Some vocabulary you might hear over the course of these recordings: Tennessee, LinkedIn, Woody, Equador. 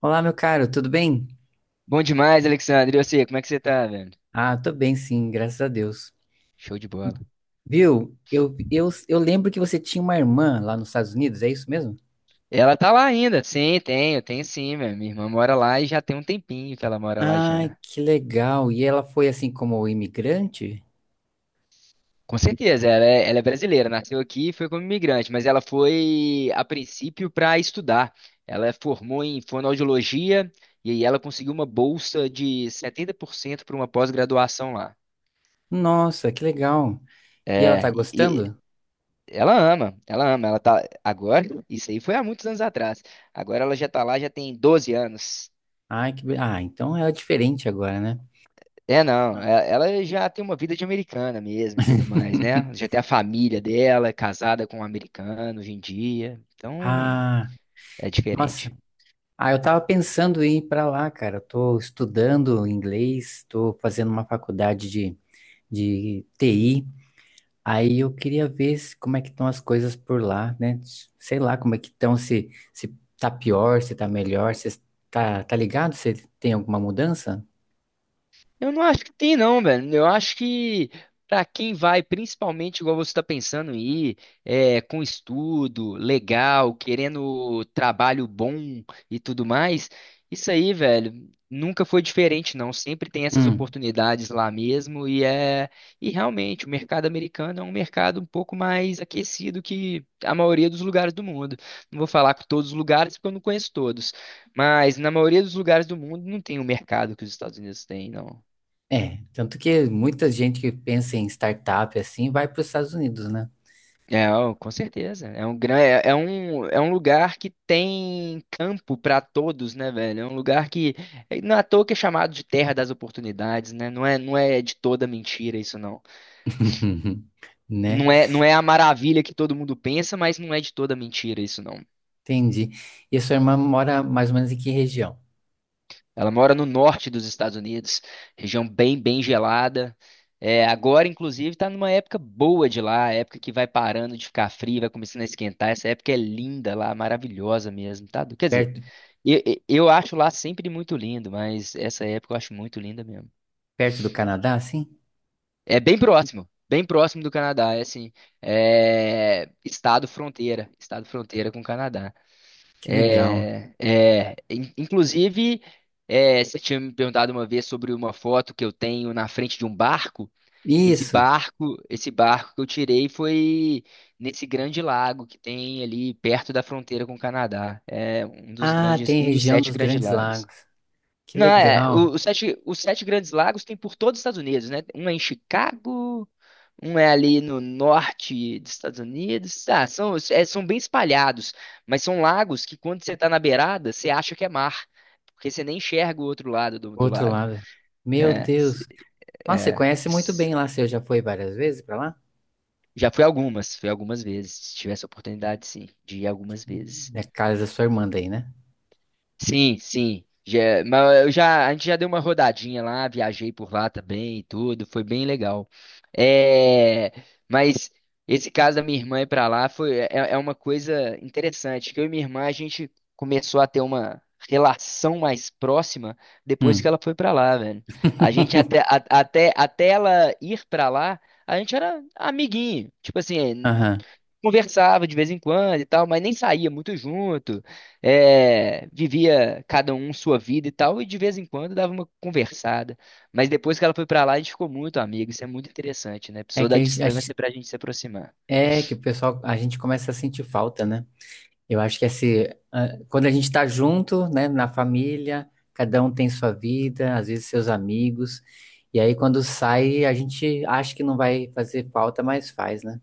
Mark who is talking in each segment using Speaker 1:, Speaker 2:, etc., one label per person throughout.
Speaker 1: Olá, meu caro, tudo bem?
Speaker 2: Bom demais, Alexandre. E você, como é que você tá, velho?
Speaker 1: Tô bem, sim, graças a Deus.
Speaker 2: Show de bola.
Speaker 1: Viu? Eu lembro que você tinha uma irmã lá nos Estados Unidos, é isso mesmo?
Speaker 2: Ela tá lá ainda? Sim, tenho sim, velho. Minha irmã mora lá e já tem um tempinho que ela mora lá
Speaker 1: Ai,
Speaker 2: já.
Speaker 1: que legal! E ela foi assim como imigrante?
Speaker 2: Com certeza, ela é brasileira, nasceu aqui e foi como imigrante, mas ela foi a princípio para estudar. Ela formou em fonoaudiologia e aí ela conseguiu uma bolsa de 70% para uma pós-graduação lá.
Speaker 1: Nossa, que legal! E ela tá
Speaker 2: É, e
Speaker 1: gostando?
Speaker 2: ela ama, ela ama, ela tá agora, isso aí foi há muitos anos atrás. Agora ela já tá lá, já tem 12 anos.
Speaker 1: Ah, então ela é diferente agora, né?
Speaker 2: É, não, ela já tem uma vida de americana mesmo e tudo mais, né? Já tem a família dela, é casada com um americano hoje em dia, então
Speaker 1: Ah,
Speaker 2: é diferente.
Speaker 1: nossa. Ah, eu tava pensando em ir pra lá, cara. Eu tô estudando inglês, tô fazendo uma faculdade de TI. Aí eu queria ver como é que estão as coisas por lá, né? Sei lá como é que estão, se tá pior, se tá melhor, se tá, tá ligado, se tem alguma mudança?
Speaker 2: Eu não acho que tem, não, velho. Eu acho que pra quem vai, principalmente igual você tá pensando em ir, é, com estudo, legal, querendo trabalho bom e tudo mais, isso aí, velho, nunca foi diferente, não. Sempre tem essas
Speaker 1: Hum,
Speaker 2: oportunidades lá mesmo e realmente o mercado americano é um mercado um pouco mais aquecido que a maioria dos lugares do mundo. Não vou falar que todos os lugares porque eu não conheço todos, mas na maioria dos lugares do mundo não tem o mercado que os Estados Unidos têm, não.
Speaker 1: é. Tanto que muita gente que pensa em startup assim vai para os Estados Unidos, né?
Speaker 2: É, ó, com certeza. É um lugar que tem campo para todos, né, velho? É um lugar que não é à toa que é chamado de terra das oportunidades, né? Não é, não é de toda mentira isso, não.
Speaker 1: Né?
Speaker 2: Não é, não é a maravilha que todo mundo pensa, mas não é de toda mentira isso.
Speaker 1: Entendi. E a sua irmã mora mais ou menos em que região?
Speaker 2: Ela mora no norte dos Estados Unidos, região bem, bem gelada. É, agora, inclusive, está numa época boa de lá, época que vai parando de ficar frio, vai começando a esquentar. Essa época é linda lá, maravilhosa mesmo, tá? Quer dizer,
Speaker 1: Perto,
Speaker 2: eu acho lá sempre muito lindo, mas essa época eu acho muito linda mesmo.
Speaker 1: perto do Canadá, assim?
Speaker 2: É bem próximo do Canadá, é assim, é estado fronteira com o Canadá.
Speaker 1: Que legal.
Speaker 2: É, inclusive, é, você tinha me perguntado uma vez sobre uma foto que eu tenho na frente de um barco. Esse
Speaker 1: Isso.
Speaker 2: barco, esse barco que eu tirei foi nesse grande lago que tem ali perto da fronteira com o Canadá. É um dos
Speaker 1: Ah,
Speaker 2: grandes,
Speaker 1: tem
Speaker 2: um dos
Speaker 1: região
Speaker 2: sete
Speaker 1: dos
Speaker 2: grandes
Speaker 1: Grandes
Speaker 2: lagos.
Speaker 1: Lagos. Que
Speaker 2: Não, é.
Speaker 1: legal.
Speaker 2: Os sete grandes lagos tem por todos os Estados Unidos, né? Um é em Chicago, um é ali no norte dos Estados Unidos. Ah, são bem espalhados, mas são lagos que quando você tá na beirada, você acha que é mar, porque você nem enxerga o outro lado do
Speaker 1: Outro
Speaker 2: lago.
Speaker 1: lado. Meu
Speaker 2: É, se-
Speaker 1: Deus. Nossa, você
Speaker 2: é,
Speaker 1: conhece muito
Speaker 2: se-
Speaker 1: bem lá, você já foi várias vezes pra lá?
Speaker 2: Já fui algumas vezes. Se tivesse essa oportunidade, sim, de ir algumas
Speaker 1: Hum.
Speaker 2: vezes.
Speaker 1: É a casa da sua irmã daí, né?
Speaker 2: Sim, sim. Já, mas eu já, a gente já deu uma rodadinha lá, viajei por lá também e tudo, foi bem legal. É, mas esse caso da minha irmã ir pra lá foi, é uma coisa interessante, que eu e minha irmã, a gente começou a ter uma relação mais próxima depois que
Speaker 1: Hum.
Speaker 2: ela foi pra lá, velho. A gente até ela ir pra lá, a gente era amiguinho, tipo assim,
Speaker 1: Aham.
Speaker 2: conversava de vez em quando e tal, mas nem saía muito junto. É, vivia cada um sua vida e tal, e de vez em quando dava uma conversada. Mas depois que ela foi pra lá, a gente ficou muito amigo. Isso é muito interessante, né?
Speaker 1: É
Speaker 2: Pessoa
Speaker 1: que
Speaker 2: da
Speaker 1: a gente-
Speaker 2: distância pra gente se aproximar.
Speaker 1: É que o pessoal, a gente começa a sentir falta, né? Eu acho que assim, ah, quando a gente tá junto, né, na família, cada um tem sua vida, às vezes seus amigos, e aí quando sai, a gente acha que não vai fazer falta, mas faz, né?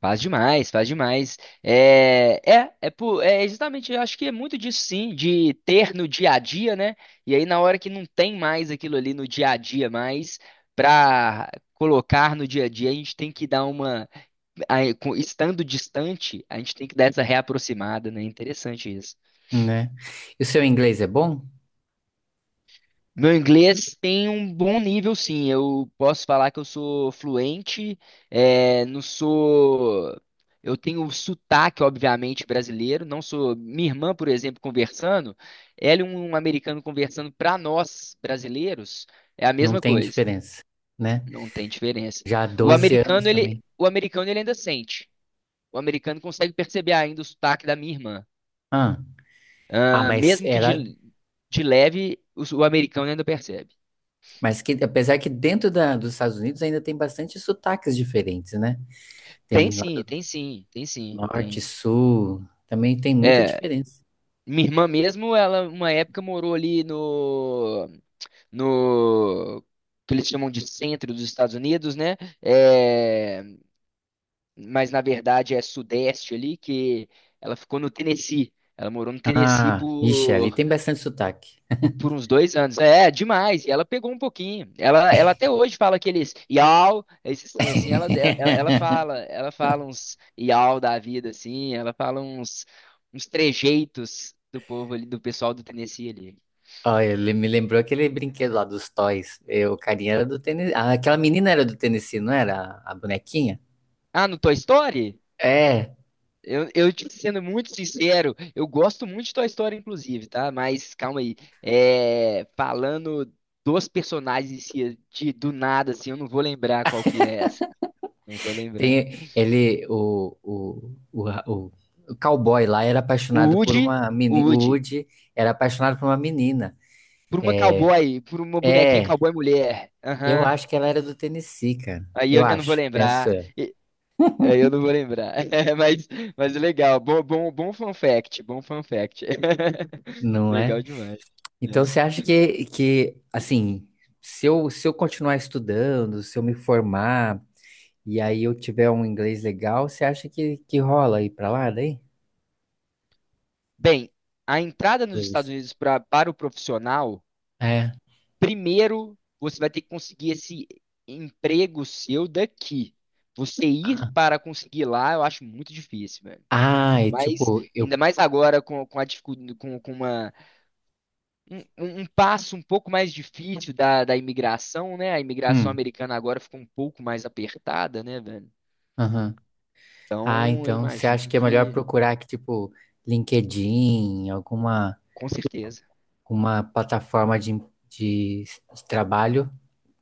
Speaker 2: Faz demais, faz demais. É justamente, eu acho que é muito disso sim, de ter no dia a dia, né? E aí na hora que não tem mais aquilo ali no dia a dia mais, pra colocar no dia a dia, a gente tem que dar uma, aí, estando distante, a gente tem que dar essa reaproximada, né? Interessante isso.
Speaker 1: Né? E o seu inglês é bom?
Speaker 2: Meu inglês tem um bom nível, sim. Eu posso falar que eu sou fluente, não sou. Eu tenho sotaque, obviamente, brasileiro. Não sou. Minha irmã, por exemplo, conversando, ela e um americano conversando para nós, brasileiros, é a
Speaker 1: Não
Speaker 2: mesma
Speaker 1: tem
Speaker 2: coisa.
Speaker 1: diferença, né?
Speaker 2: Não tem diferença.
Speaker 1: Já há
Speaker 2: O
Speaker 1: 12 anos
Speaker 2: americano, ele,
Speaker 1: também.
Speaker 2: o americano, ele ainda sente. O americano consegue perceber ainda o sotaque da minha irmã.
Speaker 1: Ah, ah,
Speaker 2: Ah,
Speaker 1: mas
Speaker 2: mesmo que
Speaker 1: ela.
Speaker 2: de leve, o americano ainda percebe.
Speaker 1: Mas que, apesar que dos Estados Unidos ainda tem bastante sotaques diferentes, né?
Speaker 2: Tem
Speaker 1: Tem lá
Speaker 2: sim,
Speaker 1: do
Speaker 2: tem sim, tem sim,
Speaker 1: norte,
Speaker 2: tem.
Speaker 1: sul, também tem muita
Speaker 2: É,
Speaker 1: diferença.
Speaker 2: minha irmã mesmo, ela uma época morou ali no que eles chamam de centro dos Estados Unidos, né? É, mas na verdade é sudeste ali que ela ficou no Tennessee. Ela morou no Tennessee
Speaker 1: Ah, ixi, ali
Speaker 2: por
Speaker 1: tem bastante sotaque.
Speaker 2: Por, por uns 2 anos. É, demais. E ela pegou um pouquinho. Ela até hoje fala aqueles iau, esses trem assim, ela, ela, ela fala, ela fala uns iau da vida, assim, ela fala uns trejeitos do povo ali, do pessoal do Tennessee ali.
Speaker 1: Olha, ele me lembrou aquele brinquedo lá dos Toys. Eu, o carinha era do Tennessee. Ah, aquela menina era do Tennessee, não era? A bonequinha?
Speaker 2: Ah, no Toy Story?
Speaker 1: É,
Speaker 2: Eu te sendo muito sincero, eu gosto muito de Toy Story, inclusive, tá? Mas calma aí. É, falando dos personagens em si, do nada, assim, eu não vou lembrar qual que é essa. Não vou lembrar.
Speaker 1: tem ele, o cowboy lá era
Speaker 2: O
Speaker 1: apaixonado por
Speaker 2: Woody,
Speaker 1: uma
Speaker 2: o
Speaker 1: menina. O
Speaker 2: Woody,
Speaker 1: Woody era apaixonado por uma menina.
Speaker 2: por uma cowboy, por uma bonequinha
Speaker 1: É.
Speaker 2: cowboy mulher.
Speaker 1: Eu
Speaker 2: Aham.
Speaker 1: acho que ela era do Tennessee, cara.
Speaker 2: Aí
Speaker 1: Eu
Speaker 2: eu já não vou
Speaker 1: acho, penso,
Speaker 2: lembrar.
Speaker 1: eu,
Speaker 2: Aí eu não vou lembrar. Mas, mas legal. Bom fun fact. Bom fun fact.
Speaker 1: não é?
Speaker 2: Legal demais.
Speaker 1: Então
Speaker 2: É.
Speaker 1: você acha que assim, se eu continuar estudando, se eu me formar e aí eu tiver um inglês legal, você acha que rola aí pra lá daí?
Speaker 2: Bem, a entrada nos Estados
Speaker 1: Pros-
Speaker 2: Unidos para o profissional.
Speaker 1: É.
Speaker 2: Primeiro, você vai ter que conseguir esse emprego seu daqui. Você ir
Speaker 1: Ah,
Speaker 2: para conseguir lá, eu acho muito difícil, velho.
Speaker 1: ah,
Speaker 2: Ainda
Speaker 1: é
Speaker 2: mais,
Speaker 1: tipo, eu.
Speaker 2: ainda mais agora com a dificuldade, com uma, um- um passo um pouco mais difícil da imigração, né? A imigração
Speaker 1: Hum,
Speaker 2: americana agora ficou um pouco mais apertada, né, velho?
Speaker 1: aham. Ah,
Speaker 2: Então, eu
Speaker 1: então você acha
Speaker 2: imagino
Speaker 1: que é melhor
Speaker 2: que,
Speaker 1: procurar aqui, tipo, LinkedIn, alguma
Speaker 2: com certeza,
Speaker 1: uma plataforma de de trabalho,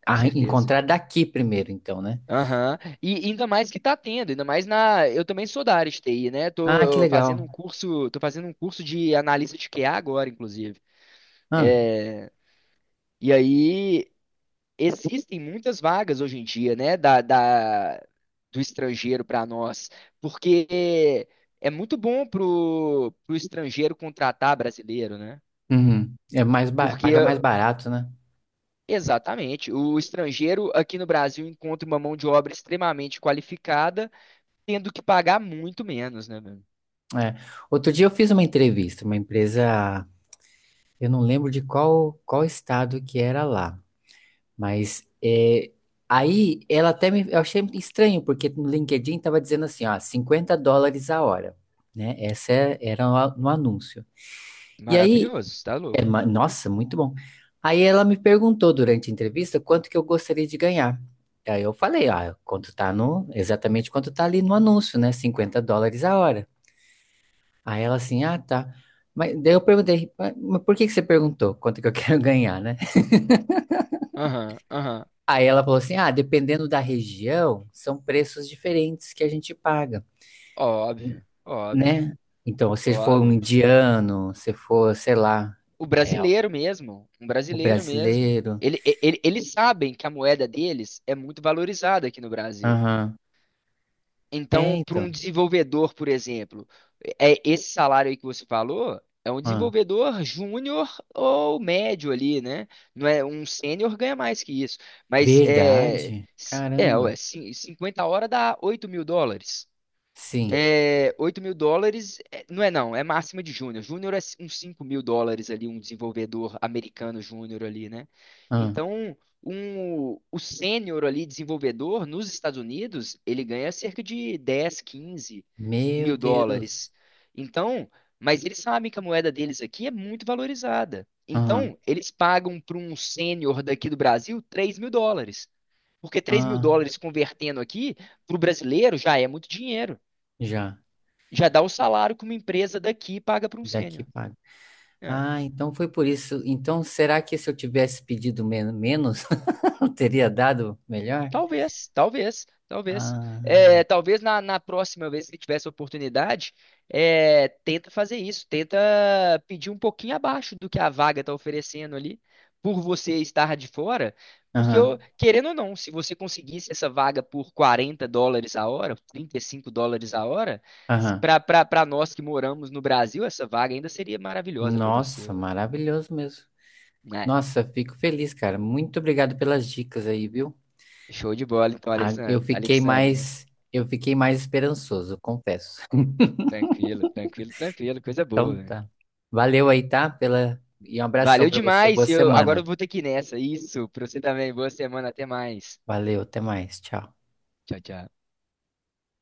Speaker 2: com
Speaker 1: a
Speaker 2: certeza.
Speaker 1: encontrar daqui primeiro, então, né?
Speaker 2: Aham. E ainda mais que tá tendo, ainda mais na. Eu também sou da área de TI, né?
Speaker 1: Ah, que
Speaker 2: Tô eh, fazendo
Speaker 1: legal.
Speaker 2: um curso, tô fazendo um curso de analista de QA agora, inclusive.
Speaker 1: Ah,
Speaker 2: E aí existem muitas vagas hoje em dia, né? do estrangeiro para nós, porque é muito bom pro estrangeiro contratar brasileiro, né?
Speaker 1: uhum. É mais ba-
Speaker 2: Porque
Speaker 1: paga mais barato, né?
Speaker 2: exatamente, o estrangeiro aqui no Brasil encontra uma mão de obra extremamente qualificada, tendo que pagar muito menos, né?
Speaker 1: É. Outro dia eu fiz uma entrevista, uma empresa, eu não lembro de qual estado que era lá, mas é, aí ela até me, eu achei estranho porque no LinkedIn tava dizendo assim, ó, US$ 50 a hora, né? Era no no anúncio. E aí
Speaker 2: Maravilhoso, você tá
Speaker 1: é,
Speaker 2: louco.
Speaker 1: ma- nossa, muito bom. Aí ela me perguntou durante a entrevista quanto que eu gostaria de ganhar. Aí eu falei, ah, quanto tá no, exatamente quanto tá ali no anúncio, né? Cinquenta dólares a hora. Aí ela assim, ah, tá. Mas daí eu perguntei, mas por que que você perguntou quanto que eu quero ganhar, né?
Speaker 2: Aham, aham.
Speaker 1: Aí ela falou assim, ah, dependendo da região, são preços diferentes que a gente paga,
Speaker 2: Óbvio, óbvio,
Speaker 1: né? Então, se for um
Speaker 2: óbvio.
Speaker 1: indiano, se for, sei lá,
Speaker 2: O
Speaker 1: é,
Speaker 2: brasileiro mesmo, um
Speaker 1: o
Speaker 2: brasileiro mesmo.
Speaker 1: brasileiro,
Speaker 2: eles sabem que a moeda deles é muito valorizada aqui no Brasil.
Speaker 1: aham. É,
Speaker 2: Então, para
Speaker 1: então.
Speaker 2: um desenvolvedor, por exemplo, é esse salário aí que você falou é um desenvolvedor júnior ou médio ali, né? Não é um sênior ganha mais que isso. Mas
Speaker 1: Verdade? Caramba.
Speaker 2: ué, 50 horas dá 8 mil dólares.
Speaker 1: Sim.
Speaker 2: É, 8 mil dólares, é, não é não, é máxima de júnior. Júnior é uns 5 mil dólares ali, um desenvolvedor americano júnior ali, né?
Speaker 1: Ah,
Speaker 2: Então, o sênior ali, desenvolvedor, nos Estados Unidos, ele ganha cerca de dez, quinze
Speaker 1: meu
Speaker 2: mil dólares.
Speaker 1: Deus.
Speaker 2: Então, mas eles sabem que a moeda deles aqui é muito valorizada.
Speaker 1: Aham.
Speaker 2: Então, eles pagam para um sênior daqui do Brasil 3 mil dólares. Porque três mil
Speaker 1: Ah,
Speaker 2: dólares convertendo aqui, para o brasileiro, já é muito dinheiro.
Speaker 1: já.
Speaker 2: Já dá o salário que uma empresa daqui paga para um
Speaker 1: Daqui
Speaker 2: sênior.
Speaker 1: paga.
Speaker 2: É,
Speaker 1: Ah, então foi por isso. Então, será que se eu tivesse pedido menos, eu teria dado melhor?
Speaker 2: talvez, talvez, talvez.
Speaker 1: Ah,
Speaker 2: É, talvez na próxima vez que ele tivesse oportunidade, é, tenta fazer isso, tenta pedir um pouquinho abaixo do que a vaga está oferecendo ali, por você estar de fora. Porque,
Speaker 1: aham,
Speaker 2: querendo ou não, se você conseguisse essa vaga por 40 dólares a hora, 35 dólares a hora,
Speaker 1: aham.
Speaker 2: para nós que moramos no Brasil, essa vaga ainda seria maravilhosa para você,
Speaker 1: Nossa,
Speaker 2: ué.
Speaker 1: maravilhoso mesmo.
Speaker 2: Né?
Speaker 1: Nossa, fico feliz, cara. Muito obrigado pelas dicas aí, viu?
Speaker 2: Show de bola, então,
Speaker 1: Ah, eu
Speaker 2: Alexandre.
Speaker 1: fiquei
Speaker 2: Alexandre, né?
Speaker 1: mais, eu fiquei mais esperançoso, confesso.
Speaker 2: Tranquilo, tranquilo, tranquilo. Coisa boa,
Speaker 1: Então
Speaker 2: velho.
Speaker 1: tá. Valeu aí, tá? Pela... E um abração
Speaker 2: Valeu
Speaker 1: pra você. Boa
Speaker 2: demais. Agora eu
Speaker 1: semana.
Speaker 2: vou ter que ir nessa. Isso, pra você também. Boa semana, até mais.
Speaker 1: Valeu, até mais. Tchau.
Speaker 2: Tchau, tchau.